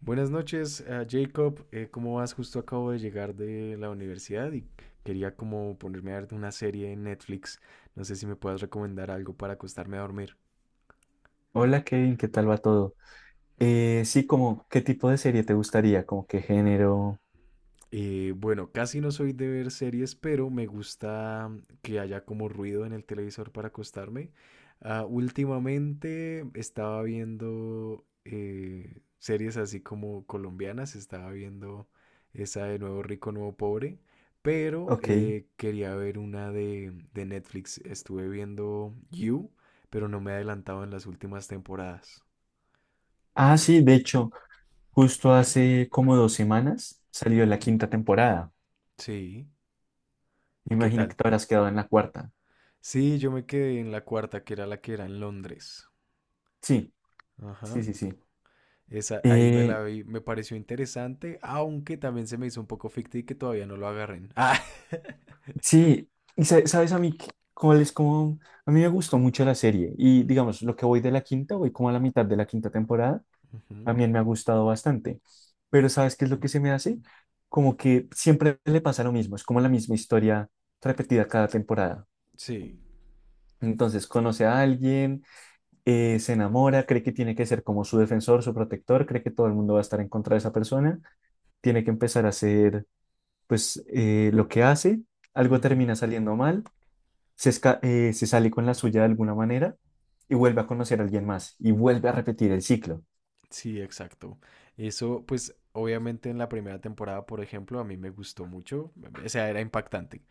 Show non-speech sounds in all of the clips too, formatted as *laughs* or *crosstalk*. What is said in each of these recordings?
Buenas noches, Jacob. ¿Cómo vas? Justo acabo de llegar de la universidad y quería como ponerme a ver una serie en Netflix. No sé si me puedas recomendar algo para acostarme a dormir. Hola Kevin, ¿qué tal va todo? Sí, como, ¿qué tipo de serie te gustaría? ¿Como qué género? Bueno, casi no soy de ver series, pero me gusta que haya como ruido en el televisor para acostarme. Ah, últimamente estaba viendo series así como colombianas, estaba viendo esa de Nuevo Rico, Nuevo Pobre, pero Ok. Quería ver una de Netflix. Estuve viendo You, pero no me he adelantado en las últimas temporadas. Ah, sí, de hecho, justo hace como dos semanas salió la quinta temporada. Sí, ¿y Me qué imagino que tal? te habrás quedado en la cuarta. Sí, yo me quedé en la cuarta, que era la que era en Londres. Sí, sí, Ajá. sí, sí. Esa, ahí me Eh, la vi, me pareció interesante, aunque también se me hizo un poco ficti que todavía no lo agarren. Ah. sí, y sabes a mí cuál es como, a mí me gustó mucho la serie y digamos, lo que voy de la quinta, voy como a la mitad de la quinta temporada *laughs* Ujú. también me ha gustado bastante. Pero ¿sabes qué es lo que se me hace? Como que siempre le pasa lo mismo, es como la misma historia repetida cada temporada. Sí. Entonces conoce a alguien, se enamora, cree que tiene que ser como su defensor, su protector, cree que todo el mundo va a estar en contra de esa persona, tiene que empezar a hacer pues lo que hace, algo Ujú. termina saliendo mal, se sale con la suya de alguna manera y vuelve a conocer a alguien más y vuelve a repetir el ciclo. Sí, exacto. Eso, pues, obviamente en la primera temporada, por ejemplo, a mí me gustó mucho, o sea, era impactante.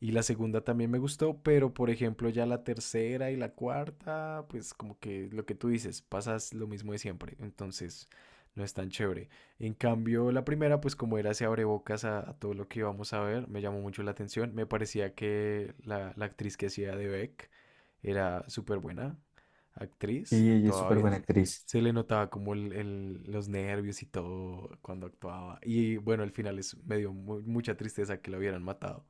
Y la segunda también me gustó, pero por ejemplo, ya la tercera y la cuarta, pues como que lo que tú dices, pasas lo mismo de siempre, entonces no es tan chévere. En cambio, la primera, pues como era, se abre bocas a todo lo que íbamos a ver, me llamó mucho la atención, me parecía que la actriz que hacía de Beck era súper buena actriz, Y ella es actuaba súper bien, buena actriz. se le notaba como los nervios y todo cuando actuaba. Y bueno, al final es, me dio mucha tristeza que lo hubieran matado.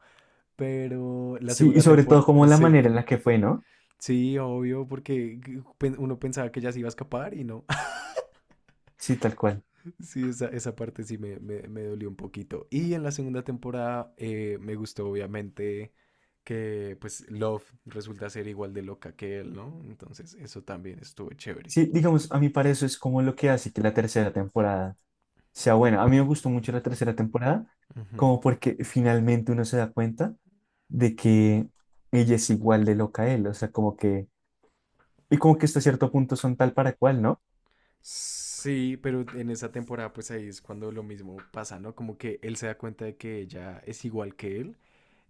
Pero la Sí, y segunda sobre todo temporada, como la sí, manera en la que fue, ¿no? sí, obvio, porque uno pensaba que ya se iba a escapar y no. *laughs* Sí, tal cual. Sí, esa parte sí me dolió un poquito. Y en la segunda temporada me gustó obviamente que pues Love resulta ser igual de loca que él, ¿no? Entonces eso también estuvo chévere. Sí, digamos, a mí para eso es como lo que hace que la tercera temporada sea buena. A mí me gustó mucho la tercera temporada, Ujú. como porque finalmente uno se da cuenta de que ella es igual de loca a él, o sea, como que, y como que hasta cierto punto son tal para cual, ¿no? Sí, pero en esa temporada pues ahí es cuando lo mismo pasa, ¿no? Como que él se da cuenta de que ella es igual que él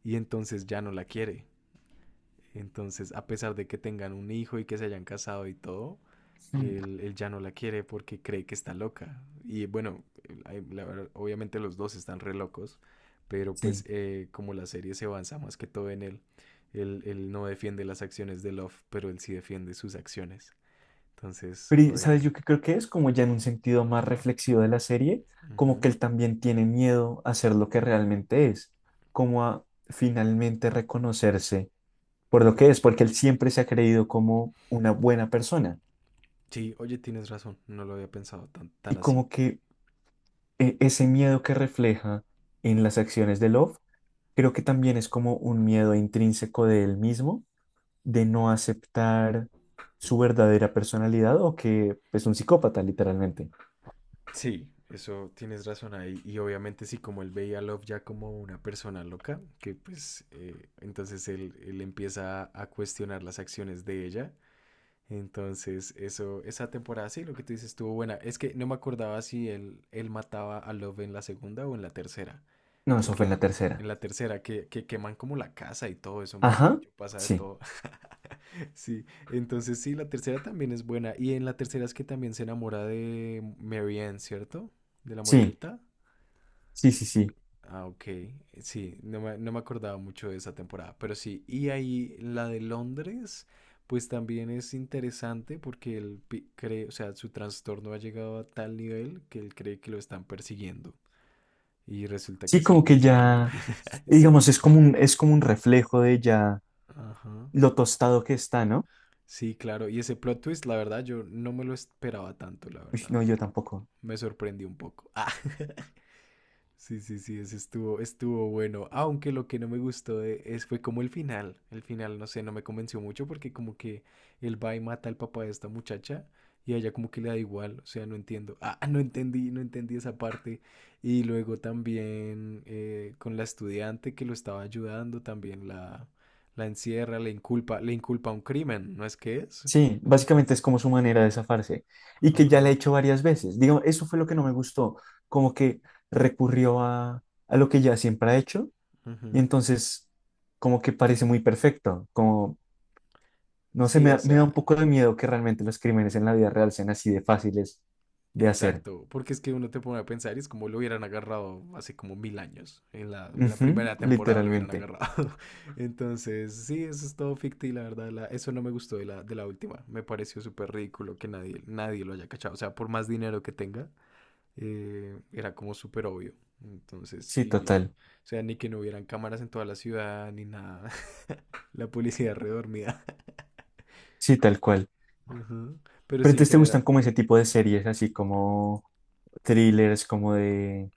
y entonces ya no la quiere. Entonces, a pesar de que tengan un hijo y que se hayan casado y todo, Mm, él ya no la quiere porque cree que está loca. Y bueno, la verdad, obviamente los dos están re locos, pero pues sí. Como la serie se avanza más que todo en él, él no defiende las acciones de Love, pero él sí defiende sus acciones. Entonces, Pero, ¿y oye, ¿sabes? Yo que creo que es como ya en un sentido más reflexivo de la serie, como ujú, que él también tiene miedo a ser lo que realmente es, como a finalmente reconocerse por lo que como- es, porque él siempre se ha creído como una buena persona. Sí, oye, tienes razón, no lo había pensado tan Y así. como que ese miedo que refleja en las acciones de Love, creo que también es como un miedo intrínseco de él mismo, de no aceptar su verdadera personalidad o que es un psicópata, literalmente. Sí, eso tienes razón ahí. Y obviamente sí, como él veía a Love ya como una persona loca, que pues entonces él empieza a cuestionar las acciones de ella. Entonces, eso, esa temporada sí, lo que tú dices estuvo buena. Es que no me acordaba si él mataba a Love en la segunda o en la tercera. No, eso fue Porque en la en tercera. la tercera, que queman como la casa y todo eso, mejor Ajá, dicho, pasa de sí, todo. Sí, entonces sí, la tercera también es buena. Y en la tercera es que también se enamora de Mary Ann, ¿cierto? De la sí, morenita. sí, sí, sí. Ah, ok. Sí, no me acordaba mucho de esa temporada, pero sí. Y ahí la de Londres, pues también es interesante porque él cree, o sea, su trastorno ha llegado a tal nivel que él cree que lo están persiguiendo. Y resulta que Sí, es el como que mismo, ¿no? ya, *laughs* Eso- digamos, es como un reflejo de ya Ajá. lo tostado que está, ¿no? Sí, claro. Y ese plot twist, la verdad, yo no me lo esperaba tanto, la Uy, verdad. no, yo tampoco. Me sorprendió un poco. *laughs* Ah. Sí, sí, sí, ese estuvo bueno. Aunque lo que no me gustó fue como el final. El final, no sé, no me convenció mucho porque como que él va y mata al papá de esta muchacha y a ella como que le da igual. O sea, no entiendo. Ah, *laughs* no entendí esa parte. Y luego también con la estudiante que lo estaba ayudando, también la encierra, le inculpa un crimen, ¿no es que es? Sí, básicamente es Ajá. como su manera de zafarse y que ya Ajá. la he hecho varias veces. Digo, eso fue lo que no me gustó, como que recurrió a lo que ya siempre ha hecho y Ujú. entonces como que parece muy perfecto, como, no sé, Sí, o me da sea, un poco de miedo que realmente los crímenes en la vida real sean así de fáciles de hacer. exacto, porque es que uno te pone a pensar y es como lo hubieran agarrado hace como mil años, en la Ujú, primera temporada lo hubieran literalmente. agarrado. *laughs* Entonces, sí, eso es todo ficti, la verdad, eso no me gustó de la última, me pareció súper ridículo que nadie, nadie lo haya cachado, o sea, por más dinero que tenga, era como súper obvio. Entonces, Sí, total. o sea, ni que no hubieran cámaras en toda la ciudad, ni nada, *laughs* la policía redormida. Sí, tal cual. *laughs* Ujú. Pero Pero sí, en entonces te gustan general. como ese tipo de series, así como thrillers, como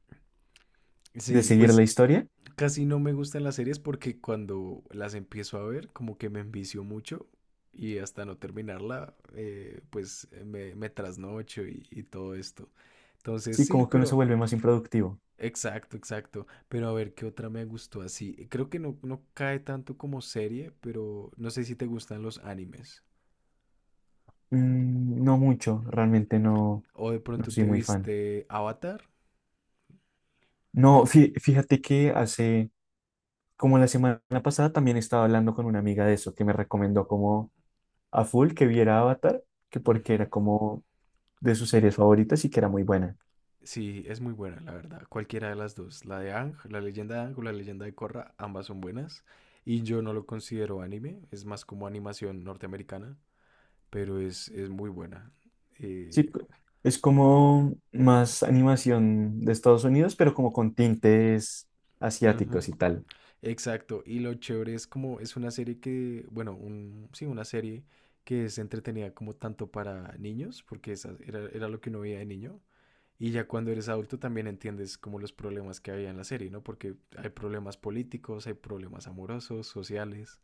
de Sí, seguir pues la historia, casi no me gustan las series porque cuando las empiezo a ver, como que me envicio mucho y hasta no terminarla, pues me trasnocho y todo esto. Entonces, sí, sí, como que uno se pero vuelve más improductivo. exacto, exacto. Pero a ver, ¿qué otra me gustó así? Creo que no, no cae tanto como serie, pero no sé si te gustan los animes. Mm, no mucho, realmente no, O de no pronto soy te muy fan. viste Avatar. No, fíjate que hace, como la semana pasada, también estaba hablando con una amiga de eso, que me recomendó como a full que viera Avatar, que porque Ujú. era como de sus series favoritas y que era muy buena. Sí, es muy buena, la verdad. Cualquiera de las dos, la de Ang, la leyenda de Ang o la leyenda de Korra, ambas son buenas. Y yo no lo considero anime, es más como animación norteamericana, pero es muy buena. Sí, Eh, es como más animación de Estados Unidos, pero como con tintes Ujú. asiáticos y tal. Exacto, y lo chévere es como es una serie que, bueno, sí, una serie que es entretenida como tanto para niños, porque esa era, era lo que uno veía de niño, y ya cuando eres adulto también entiendes como los problemas que había en la serie, ¿no? Porque hay problemas políticos, hay problemas amorosos, sociales,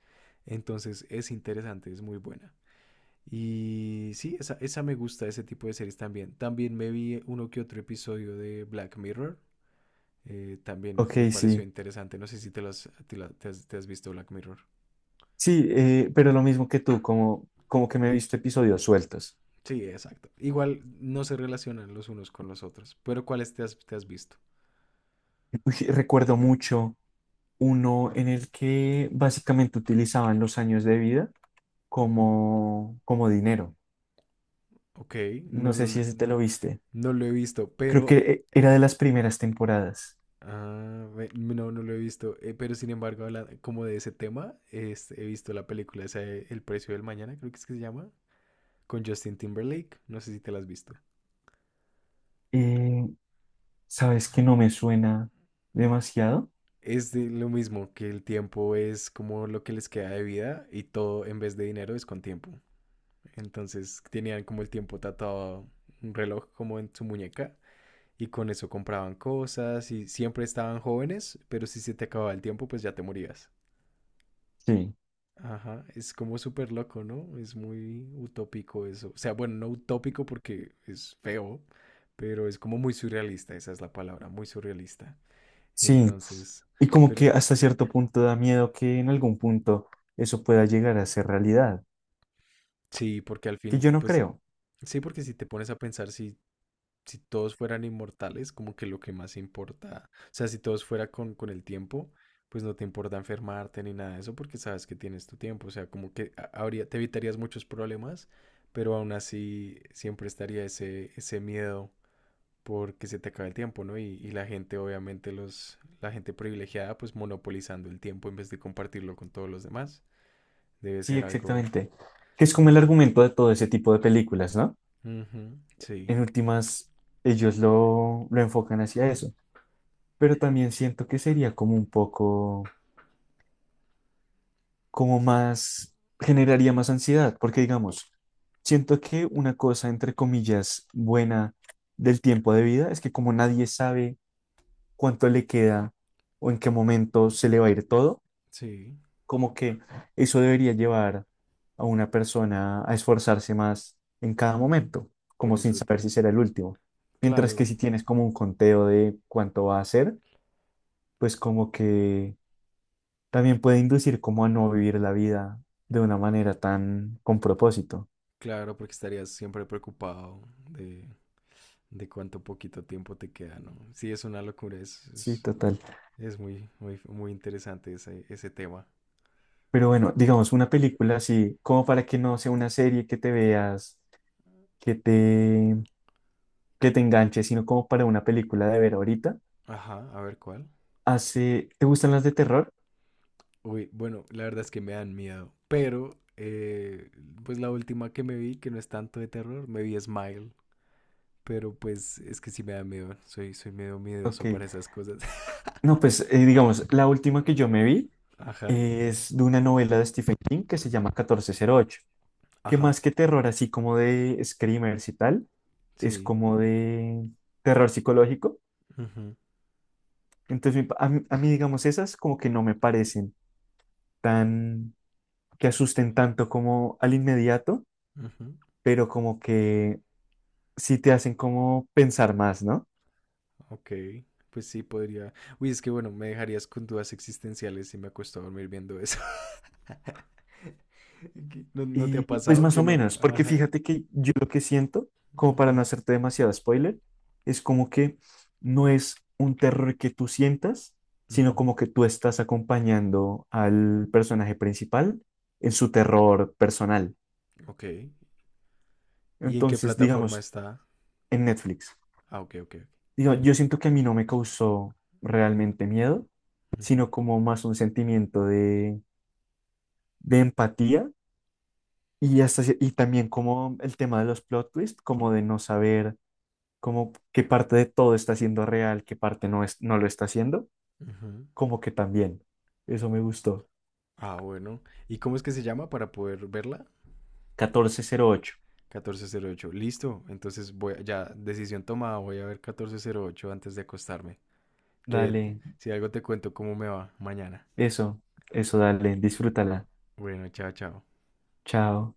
entonces es interesante, es muy buena. Y sí, esa me gusta, ese tipo de series también. También me vi uno que otro episodio de Black Mirror, también Ok, me pareció sí. interesante. No sé si te, lo has, te, lo- te has visto Black Mirror. Sí, pero lo mismo que tú, como, como que me he visto episodios sueltos. Sí, exacto. Igual no se relacionan los unos con los otros, pero ¿cuáles te has visto? Uy, recuerdo mucho uno en el que básicamente utilizaban los años de vida Ujú. como, como dinero. Ok, no No lo, sé si ese te lo viste. no lo he visto, Creo pero que era de las primeras temporadas. No, no lo he visto. Pero sin embargo, como de ese tema, he visto la película esa, de El precio del mañana, creo que es que se llama, con Justin Timberlake. No sé si te la has visto. Eh, ¿Sabes que no me suena demasiado? Es de lo mismo, que el tiempo es como lo que les queda de vida y todo en vez de dinero es con tiempo. Entonces tenían como el tiempo tatuado un reloj como en su muñeca y con eso compraban cosas y siempre estaban jóvenes, pero si se te acababa el tiempo pues ya te morías. Sí, Ajá, es como súper loco, ¿no? Es muy utópico eso. O sea, bueno, no utópico porque es feo, pero es como muy surrealista, esa es la palabra, muy surrealista. sí. Entonces, Y como pero que hasta cierto punto da miedo que en algún punto eso pueda llegar a ser realidad, sí, porque al que fin, yo no pues creo. sí, porque si te pones a pensar, si todos fueran inmortales, como que lo que más importa, o sea, si todos fuera con el tiempo, pues no te importa enfermarte ni nada de eso porque sabes que tienes tu tiempo, o sea, como que habría, te evitarías muchos problemas, pero aún así siempre estaría ese miedo porque se te acaba el tiempo, ¿no? Y la gente, obviamente, la gente privilegiada, pues monopolizando el tiempo en vez de compartirlo con todos los demás, debe Sí, ser algo... exactamente. Que es como el Ajá. argumento de todo ese tipo de películas, ¿no? Ujú, sí, En últimas, ellos lo enfocan hacia eso pero también siento que sería como un poco, como más, generaría más ansiedad, porque digamos, siento que una cosa, entre comillas, buena del tiempo de vida es que como nadie sabe cuánto le queda o en qué momento se le va a ir todo, sí, como que eso debería llevar a una persona a esforzarse más en cada momento, por como sin saber disfrutar. si será el último. Mientras que Claro. si tienes como un conteo de cuánto va a ser, pues como que también puede inducir como a no vivir la vida de una manera tan con propósito. Claro, porque estarías siempre preocupado de, de cuánto poquito tiempo te queda, ¿no? Sí, es una locura, es, Sí, es, total. es muy, muy, muy interesante ese tema. Pero bueno, digamos, una película así, como para que no sea una serie que te veas, que te, que te enganche, sino como para una película de ver ahorita. Ajá, a ver cuál. Hace, ¿te gustan las de terror? Uy, bueno, la verdad es que me dan miedo, pero pues la última que me vi, que no es tanto de terror, me vi Smile, pero pues es que sí me da miedo, soy medio Ok. miedoso para esas cosas. No, pues digamos, la última que yo me vi *laughs* Ajá, es de una novela de Stephen King que se llama 1408, que ajá, más que terror, así como de screamers y tal, es sí. como de terror psicológico. Ujú, Entonces, mi pa- a mí, digamos, esas como que no me parecen tan, que asusten tanto como al inmediato, ujú. pero como que sí te hacen como pensar más, ¿no? Ok, pues sí, podría. Uy, es que bueno, me dejarías con dudas existenciales si me acuesto a dormir viendo eso. *laughs* ¿Qué? ¿No, no te ha Y pues pasado más que o no? menos, porque Ajá. fíjate que yo lo que siento, como para Ujú, no hacerte demasiado spoiler, es como que no es un terror que tú sientas, sino ujú. como que tú estás acompañando al personaje principal en su terror personal. Ok. ¿Y en qué Entonces, plataforma digamos, está? en Netflix. Ah, ok, ok, ok. Digo, yo siento que a mí no me causó realmente miedo, Ujú, sino como más un sentimiento de empatía y, y también como el tema de los plot twists, como de no saber como qué parte de todo está siendo real, qué parte no, es, no lo está haciendo, ujú. como que también. Eso me gustó. Ah, bueno. ¿Y cómo es que se llama para poder verla? 1408. 1408. Listo. Entonces voy, ya, decisión tomada. Voy a ver 1408 antes de acostarme. Te, te- Dale, si algo te cuento cómo me va mañana. eso, eso, dale, disfrútala. Bueno, chao, chao. Chao.